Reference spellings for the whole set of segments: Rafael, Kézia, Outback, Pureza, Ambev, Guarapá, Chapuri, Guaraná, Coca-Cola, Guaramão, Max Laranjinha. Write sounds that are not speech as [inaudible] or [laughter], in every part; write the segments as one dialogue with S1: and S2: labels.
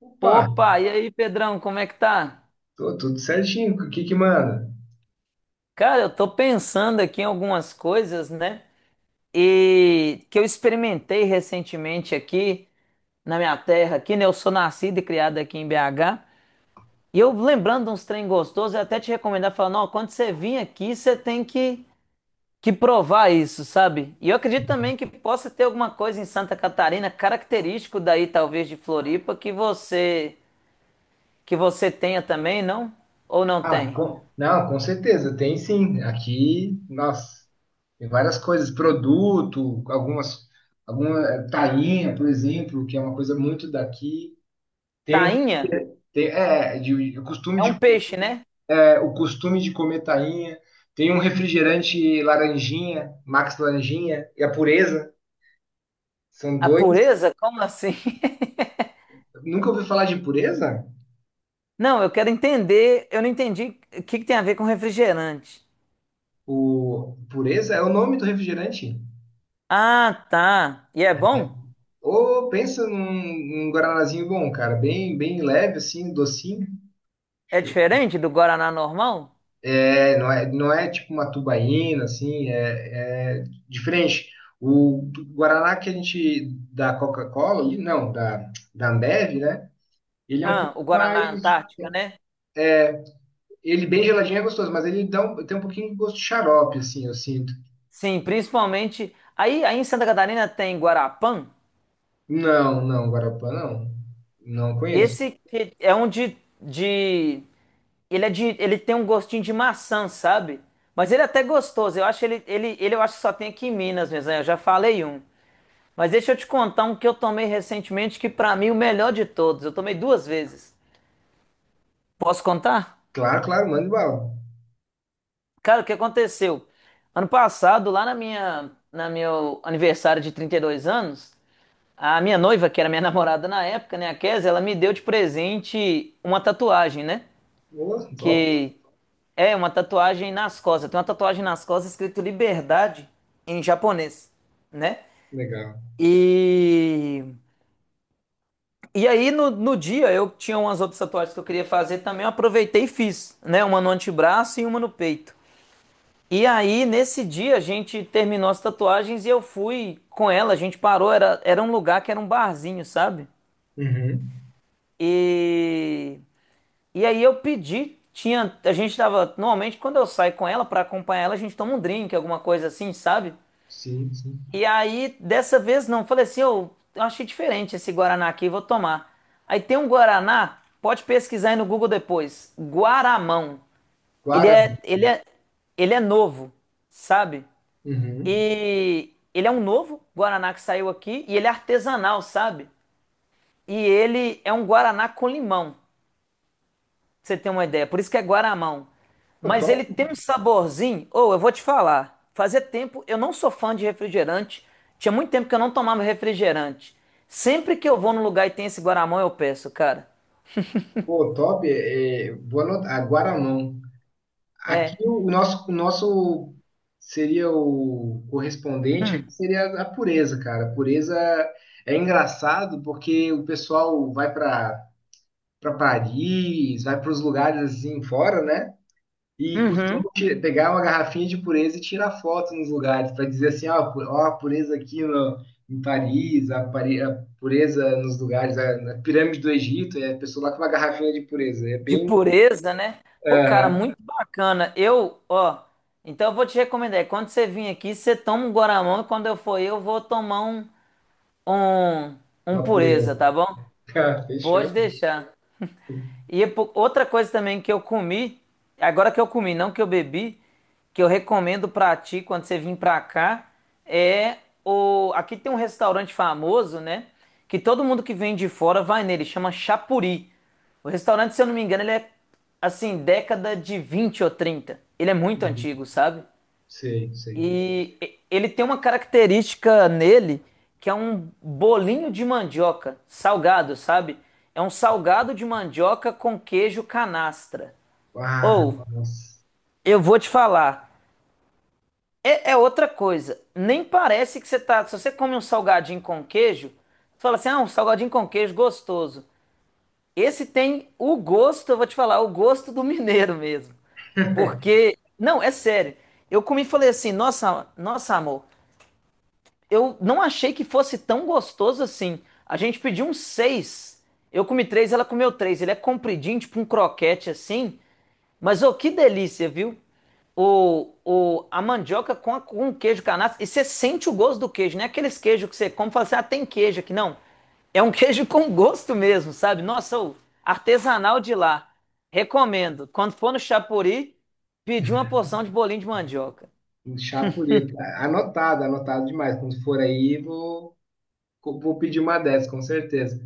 S1: Opa,
S2: Opa, e aí, Pedrão, como é que tá?
S1: tô tudo certinho. O que que manda?
S2: Cara, eu tô pensando aqui em algumas coisas, né? E que eu experimentei recentemente aqui na minha terra, aqui, né? Eu sou nascido e criado aqui em BH. E eu lembrando de uns trem gostosos, eu até te recomendar, falando, ó, quando você vir aqui, você tem que provar isso, sabe? E eu acredito também que possa ter alguma coisa em Santa Catarina, característico daí, talvez, de Floripa, que você tenha também, não? Ou não
S1: Ah,
S2: tem?
S1: não, com certeza, tem sim. Aqui, nossa, tem várias coisas, produto, algumas, tainha, por exemplo, que é uma coisa muito daqui. Tem um,
S2: Tainha?
S1: tem- é, de costume
S2: É
S1: de,
S2: um peixe, né?
S1: é, O costume de comer tainha. Tem um refrigerante laranjinha, Max Laranjinha, e a Pureza. São
S2: A
S1: dois.
S2: pureza? Como assim? [laughs]
S1: Nunca ouvi falar de Pureza?
S2: Não, eu quero entender. Eu não entendi o que que tem a ver com refrigerante.
S1: O Pureza é o nome do refrigerante?
S2: Ah, tá. E é bom?
S1: Ô, pensa num guaranazinho bom, cara, bem leve, assim, docinho.
S2: É
S1: Show.
S2: diferente do Guaraná normal?
S1: Não é tipo uma tubaína, assim, é diferente. O Guaraná que a gente da Coca-Cola, ali, não, da Ambev, né? Ele é um
S2: Ah, o
S1: pouco
S2: Guaraná
S1: mais.
S2: Antártica, né?
S1: Ele bem geladinho é gostoso, mas ele tem um pouquinho de gosto de xarope, assim, eu sinto.
S2: Sim, principalmente. Aí, aí em Santa Catarina tem Guarapã.
S1: Não, Guarapá não. Não conheço.
S2: Esse que é um de, de. Ele é de. Ele tem um gostinho de maçã, sabe? Mas ele é até gostoso. Eu acho ele, eu acho que só tem aqui em Minas mesmo, né? Eu já falei um. Mas deixa eu te contar um que eu tomei recentemente, que pra mim é o melhor de todos. Eu tomei duas vezes. Posso contar?
S1: Claro, claro, manda bala.
S2: Cara, o que aconteceu? Ano passado, lá na meu aniversário de 32 anos, a minha noiva, que era minha [laughs] namorada na época, né, a Kézia, ela me deu de presente uma tatuagem, né?
S1: Ô, top,
S2: Que é uma tatuagem nas costas. Tem uma tatuagem nas costas escrito liberdade em japonês, né?
S1: legal.
S2: E E aí, no dia, eu tinha umas outras tatuagens que eu queria fazer também, eu aproveitei e fiz, né? Uma no antebraço e uma no peito. E aí, nesse dia, a gente terminou as tatuagens e eu fui com ela, a gente parou, era um lugar que era um barzinho, sabe?
S1: Uhum.
S2: E, e aí eu pedi, tinha, a gente tava, normalmente quando eu saio com ela pra acompanhar ela, a gente toma um drink, alguma coisa assim, sabe?
S1: Sim, sim.
S2: E aí, dessa vez não, falei assim, eu achei diferente esse Guaraná aqui, vou tomar. Aí tem um Guaraná, pode pesquisar aí no Google depois, Guaramão. Ele
S1: Claro.
S2: é, ele é, ele é novo, sabe?
S1: Uhum.
S2: E ele é um novo Guaraná que saiu aqui e ele é artesanal, sabe? E ele é um Guaraná com limão. Pra você tem uma ideia. Por isso que é Guaramão.
S1: Pô,
S2: Mas ele
S1: top.
S2: tem um saborzinho. Ou eu vou te falar. Fazia tempo, eu não sou fã de refrigerante. Tinha muito tempo que eu não tomava refrigerante. Sempre que eu vou num lugar e tem esse Guaramão, eu peço, cara.
S1: Pô, top. Vou anotar. Ah, Guaramão. Aqui
S2: É.
S1: o nosso seria o correspondente aqui
S2: Hum.
S1: seria a pureza, cara. A pureza é engraçado porque o pessoal vai para Paris, vai para os lugares assim fora, né? E
S2: Uhum.
S1: costumo pegar uma garrafinha de pureza e tirar foto nos lugares para dizer assim, ó, a pureza aqui no, em Paris, a pureza nos lugares, a, na pirâmide do Egito, é a pessoa lá com uma garrafinha de pureza. É
S2: De
S1: bem
S2: pureza, né? Pô, cara,
S1: ah,
S2: muito bacana. Eu, ó. Então eu vou te recomendar. Quando você vir aqui, você toma um Guaramão e quando eu for, eu vou tomar um, um
S1: uma
S2: pureza,
S1: pureza. [laughs]
S2: tá bom?
S1: Ah, fechou?
S2: Pode deixar. E é outra coisa também que eu comi, agora que eu comi, não que eu bebi, que eu recomendo pra ti quando você vir pra cá, é o. Aqui tem um restaurante famoso, né? Que todo mundo que vem de fora vai nele, chama Chapuri. O restaurante, se eu não me engano, ele é assim, década de 20 ou 30. Ele é muito
S1: Uhum.
S2: antigo, sabe?
S1: Sei, sei.
S2: Ele tem uma característica nele que é um bolinho de mandioca, salgado, sabe? É um salgado de mandioca com queijo canastra.
S1: Ah,
S2: Ou,
S1: nossa.
S2: eu vou te falar, é, é outra coisa. Nem parece que você tá. Se você come um salgadinho com queijo, você fala assim: ah, um salgadinho com queijo gostoso. Esse tem o gosto, eu vou te falar, o gosto do mineiro mesmo.
S1: [laughs]
S2: Porque, não, é sério. Eu comi e falei assim: nossa, nossa, amor. Eu não achei que fosse tão gostoso assim. A gente pediu um seis. Eu comi três, ela comeu três. Ele é compridinho, tipo um croquete assim. Mas oh, que delícia, viu? A mandioca com, a, com queijo canastra. E você sente o gosto do queijo, não é aqueles queijos que você come e fala assim, ah, tem queijo aqui. Não. É um [laughs] queijo com gosto mesmo, sabe? Nossa, ô, artesanal de lá. Recomendo. Quando for no Chapuri, pedir uma porção de bolinho de mandioca.
S1: Um chá Anotado, anotado demais. Quando for aí, vou pedir uma dessas, com certeza.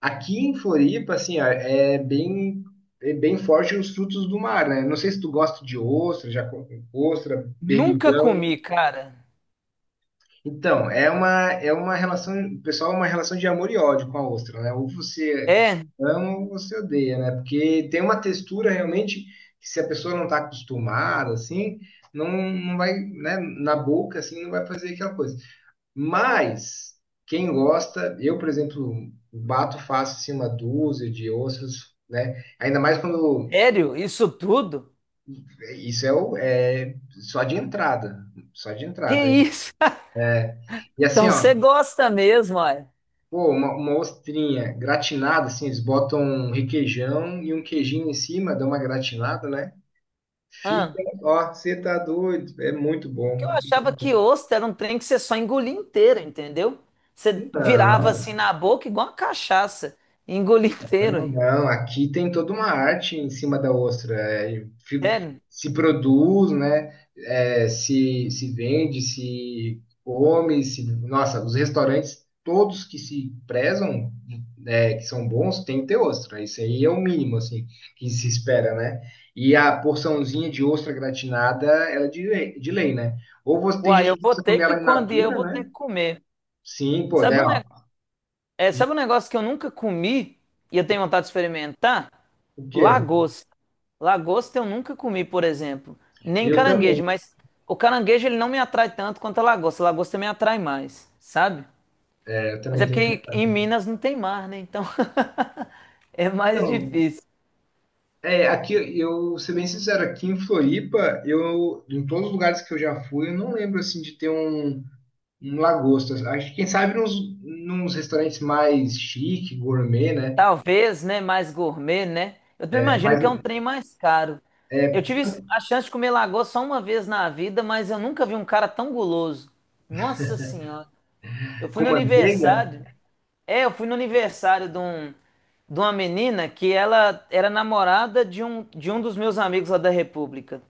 S1: Aqui em Floripa, assim, ó, é bem forte os frutos do mar, né? Não sei se tu gosta de ostra, já com ostra,
S2: Nunca
S1: berbigão.
S2: comi, cara.
S1: Então, é uma, é uma relação, pessoal, é uma relação de amor e ódio com a ostra, né? Ou você
S2: É,
S1: ama ou você odeia, né? Porque tem uma textura realmente que, se a pessoa não está acostumada, assim, não vai, né? Na boca, assim, não vai fazer aquela coisa. Mas quem gosta, eu, por exemplo, bato fácil assim, uma dúzia de ossos, né? Ainda mais quando
S2: sério? Isso tudo?
S1: isso é só de entrada, só de
S2: Que
S1: entrada. Hein?
S2: isso? [laughs]
S1: E assim,
S2: Então você
S1: ó,
S2: gosta mesmo, olha.
S1: pô, uma ostrinha gratinada, assim, eles botam um requeijão e um queijinho em cima, dão uma gratinada, né? Fica,
S2: Ah,
S1: ó, você tá doido, é muito
S2: porque eu
S1: bom.
S2: achava que ostra era um trem que você só engolia inteiro, entendeu? Você virava
S1: Não.
S2: assim na boca igual uma cachaça. E engolia [laughs] inteiro.
S1: Não,
S2: Ué.
S1: não, aqui tem toda uma arte em cima da ostra.
S2: Sério?
S1: Se produz, né? Se vende, se come, se... Nossa, os restaurantes, todos que se prezam, né, que são bons, tem que ter ostra. Isso aí é o mínimo, assim, que se espera, né? E a porçãozinha de ostra gratinada, ela é de lei, né? Ou você tem
S2: Uai,
S1: gente
S2: eu
S1: que
S2: vou
S1: gosta de
S2: ter
S1: comer
S2: que,
S1: ela in
S2: quando ir, eu
S1: natura,
S2: vou ter
S1: né?
S2: que comer.
S1: Sim, pô, né?
S2: Sabe um
S1: Ó.
S2: negócio? É, sabe um negócio que eu nunca comi e eu tenho vontade de experimentar?
S1: O quê?
S2: Lagosta. Lagosta eu nunca comi, por exemplo. Nem
S1: Eu também,
S2: caranguejo, mas o caranguejo ele não me atrai tanto quanto a lagosta. A lagosta me atrai mais, sabe?
S1: né, eu
S2: Mas
S1: também
S2: é
S1: tenho
S2: porque
S1: vontade.
S2: em Minas não tem mar, né? Então [laughs] é mais
S1: Então,
S2: difícil.
S1: é, aqui eu, ser bem sincero, aqui em Floripa, eu, em todos os lugares que eu já fui, eu não lembro assim de ter um, um lagosta. Acho que quem sabe nos restaurantes mais chique, gourmet, né?
S2: Talvez, né? Mais gourmet, né? Eu também
S1: É,
S2: imagino que é um trem mais caro. Eu
S1: é,
S2: tive a chance de comer lagosta só uma vez na vida, mas eu nunca vi um cara tão guloso. Nossa Senhora. Eu fui
S1: com
S2: no
S1: manteiga?
S2: aniversário. É, eu fui no aniversário de uma menina que ela era namorada de um dos meus amigos lá da República.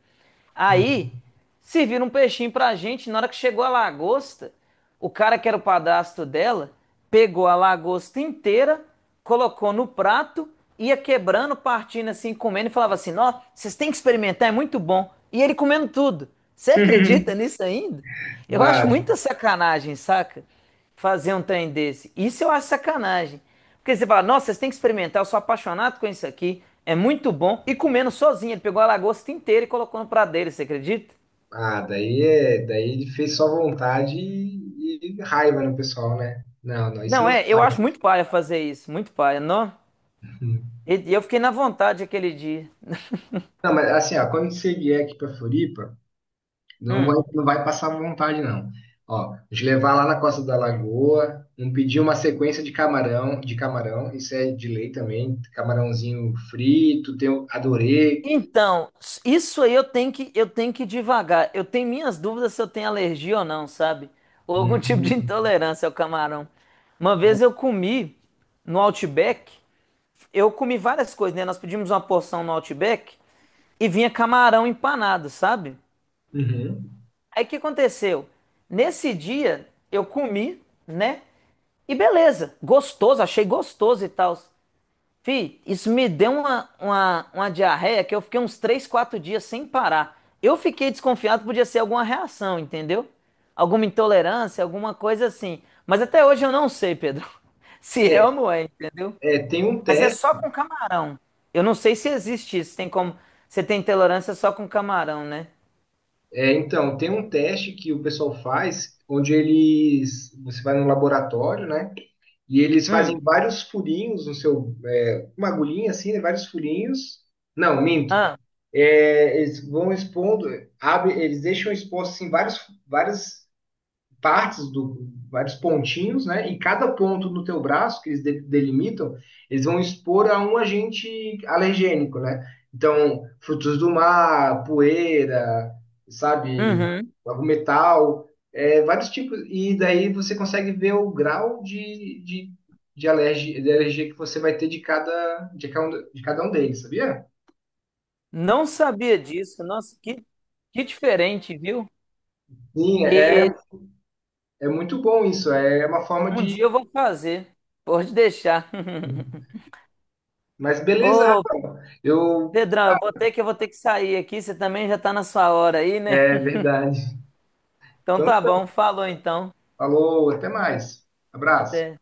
S2: Aí,
S1: Uhum.
S2: serviram um peixinho pra gente. Na hora que chegou a lagosta, o cara que era o padrasto dela pegou a lagosta inteira, colocou no prato, ia quebrando, partindo assim, comendo e falava assim: Ó, vocês têm que experimentar, é muito bom. E ele comendo tudo. Você acredita
S1: [laughs]
S2: nisso ainda? Eu acho muita
S1: Nada.
S2: sacanagem, saca? Fazer um trem desse. Isso eu acho sacanagem. Porque você fala, nossa, vocês têm que experimentar, eu sou apaixonado com isso aqui, é muito bom. E comendo sozinho, ele pegou a lagosta inteira e colocou no prato dele, você acredita?
S1: Ah, daí ele fez só vontade e raiva no pessoal, né? Não, não, isso
S2: Não,
S1: não se
S2: é, eu
S1: faz.
S2: acho muito paia fazer isso, muito paia, não? E eu fiquei na vontade aquele dia.
S1: Não, mas assim, ó, quando você vier aqui para Floripa, não vai,
S2: Hum.
S1: não vai passar vontade, não. Ó, de levar lá na Costa da Lagoa, um pedir uma sequência de camarão, isso é de lei também, camarãozinho frito, adorei.
S2: Então, isso aí eu tenho que ir devagar. Eu tenho minhas dúvidas se eu tenho alergia ou não, sabe? Ou algum [laughs] tipo de
S1: Hum,
S2: intolerância ao camarão. Uma
S1: ó,
S2: vez eu comi no Outback, eu comi várias coisas, né? Nós pedimos uma porção no Outback e vinha camarão empanado, sabe?
S1: uhum.
S2: Aí o que aconteceu? Nesse dia eu comi, né? E beleza, gostoso, achei gostoso e tal. Fih, isso me deu uma diarreia que eu fiquei uns 3, 4 dias sem parar. Eu fiquei desconfiado que podia ser alguma reação, entendeu? Alguma intolerância, alguma coisa assim. Mas até hoje eu não sei, Pedro, [laughs] se é
S1: É,
S2: ou não é, entendeu?
S1: é, tem um
S2: Mas é
S1: teste,
S2: só com camarão. Eu não sei se existe isso. Tem como. Você tem tolerância só com camarão, né?
S1: tem um teste que o pessoal faz, onde eles, você vai no laboratório, né, e eles fazem
S2: Hum.
S1: vários furinhos no seu, é, uma agulhinha assim, né, vários furinhos, não, minto,
S2: Ah.
S1: é, eles vão expondo, abre, eles deixam expostos assim, várias, várias partes do vários pontinhos, né? E cada ponto no teu braço que eles delimitam, eles vão expor a um agente alergênico, né? Então, frutos do mar, poeira, sabe,
S2: Uhum.
S1: algum metal, é, vários tipos. E daí você consegue ver o grau de alergia que você vai ter de cada, de cada um deles, sabia?
S2: Não sabia disso. Nossa, que diferente, viu?
S1: Sim,
S2: E
S1: é. É muito bom isso, é uma forma
S2: um dia
S1: de.
S2: eu vou fazer. Pode deixar.
S1: Mas
S2: [laughs]
S1: beleza,
S2: Ô,
S1: Rafael. Eu.
S2: Pedrão, eu vou ter que sair aqui. Você também já tá na sua hora aí, né?
S1: É verdade.
S2: Então
S1: Então,
S2: tá bom.
S1: tá.
S2: Falou então.
S1: Falou, até mais. Abraço.
S2: Até.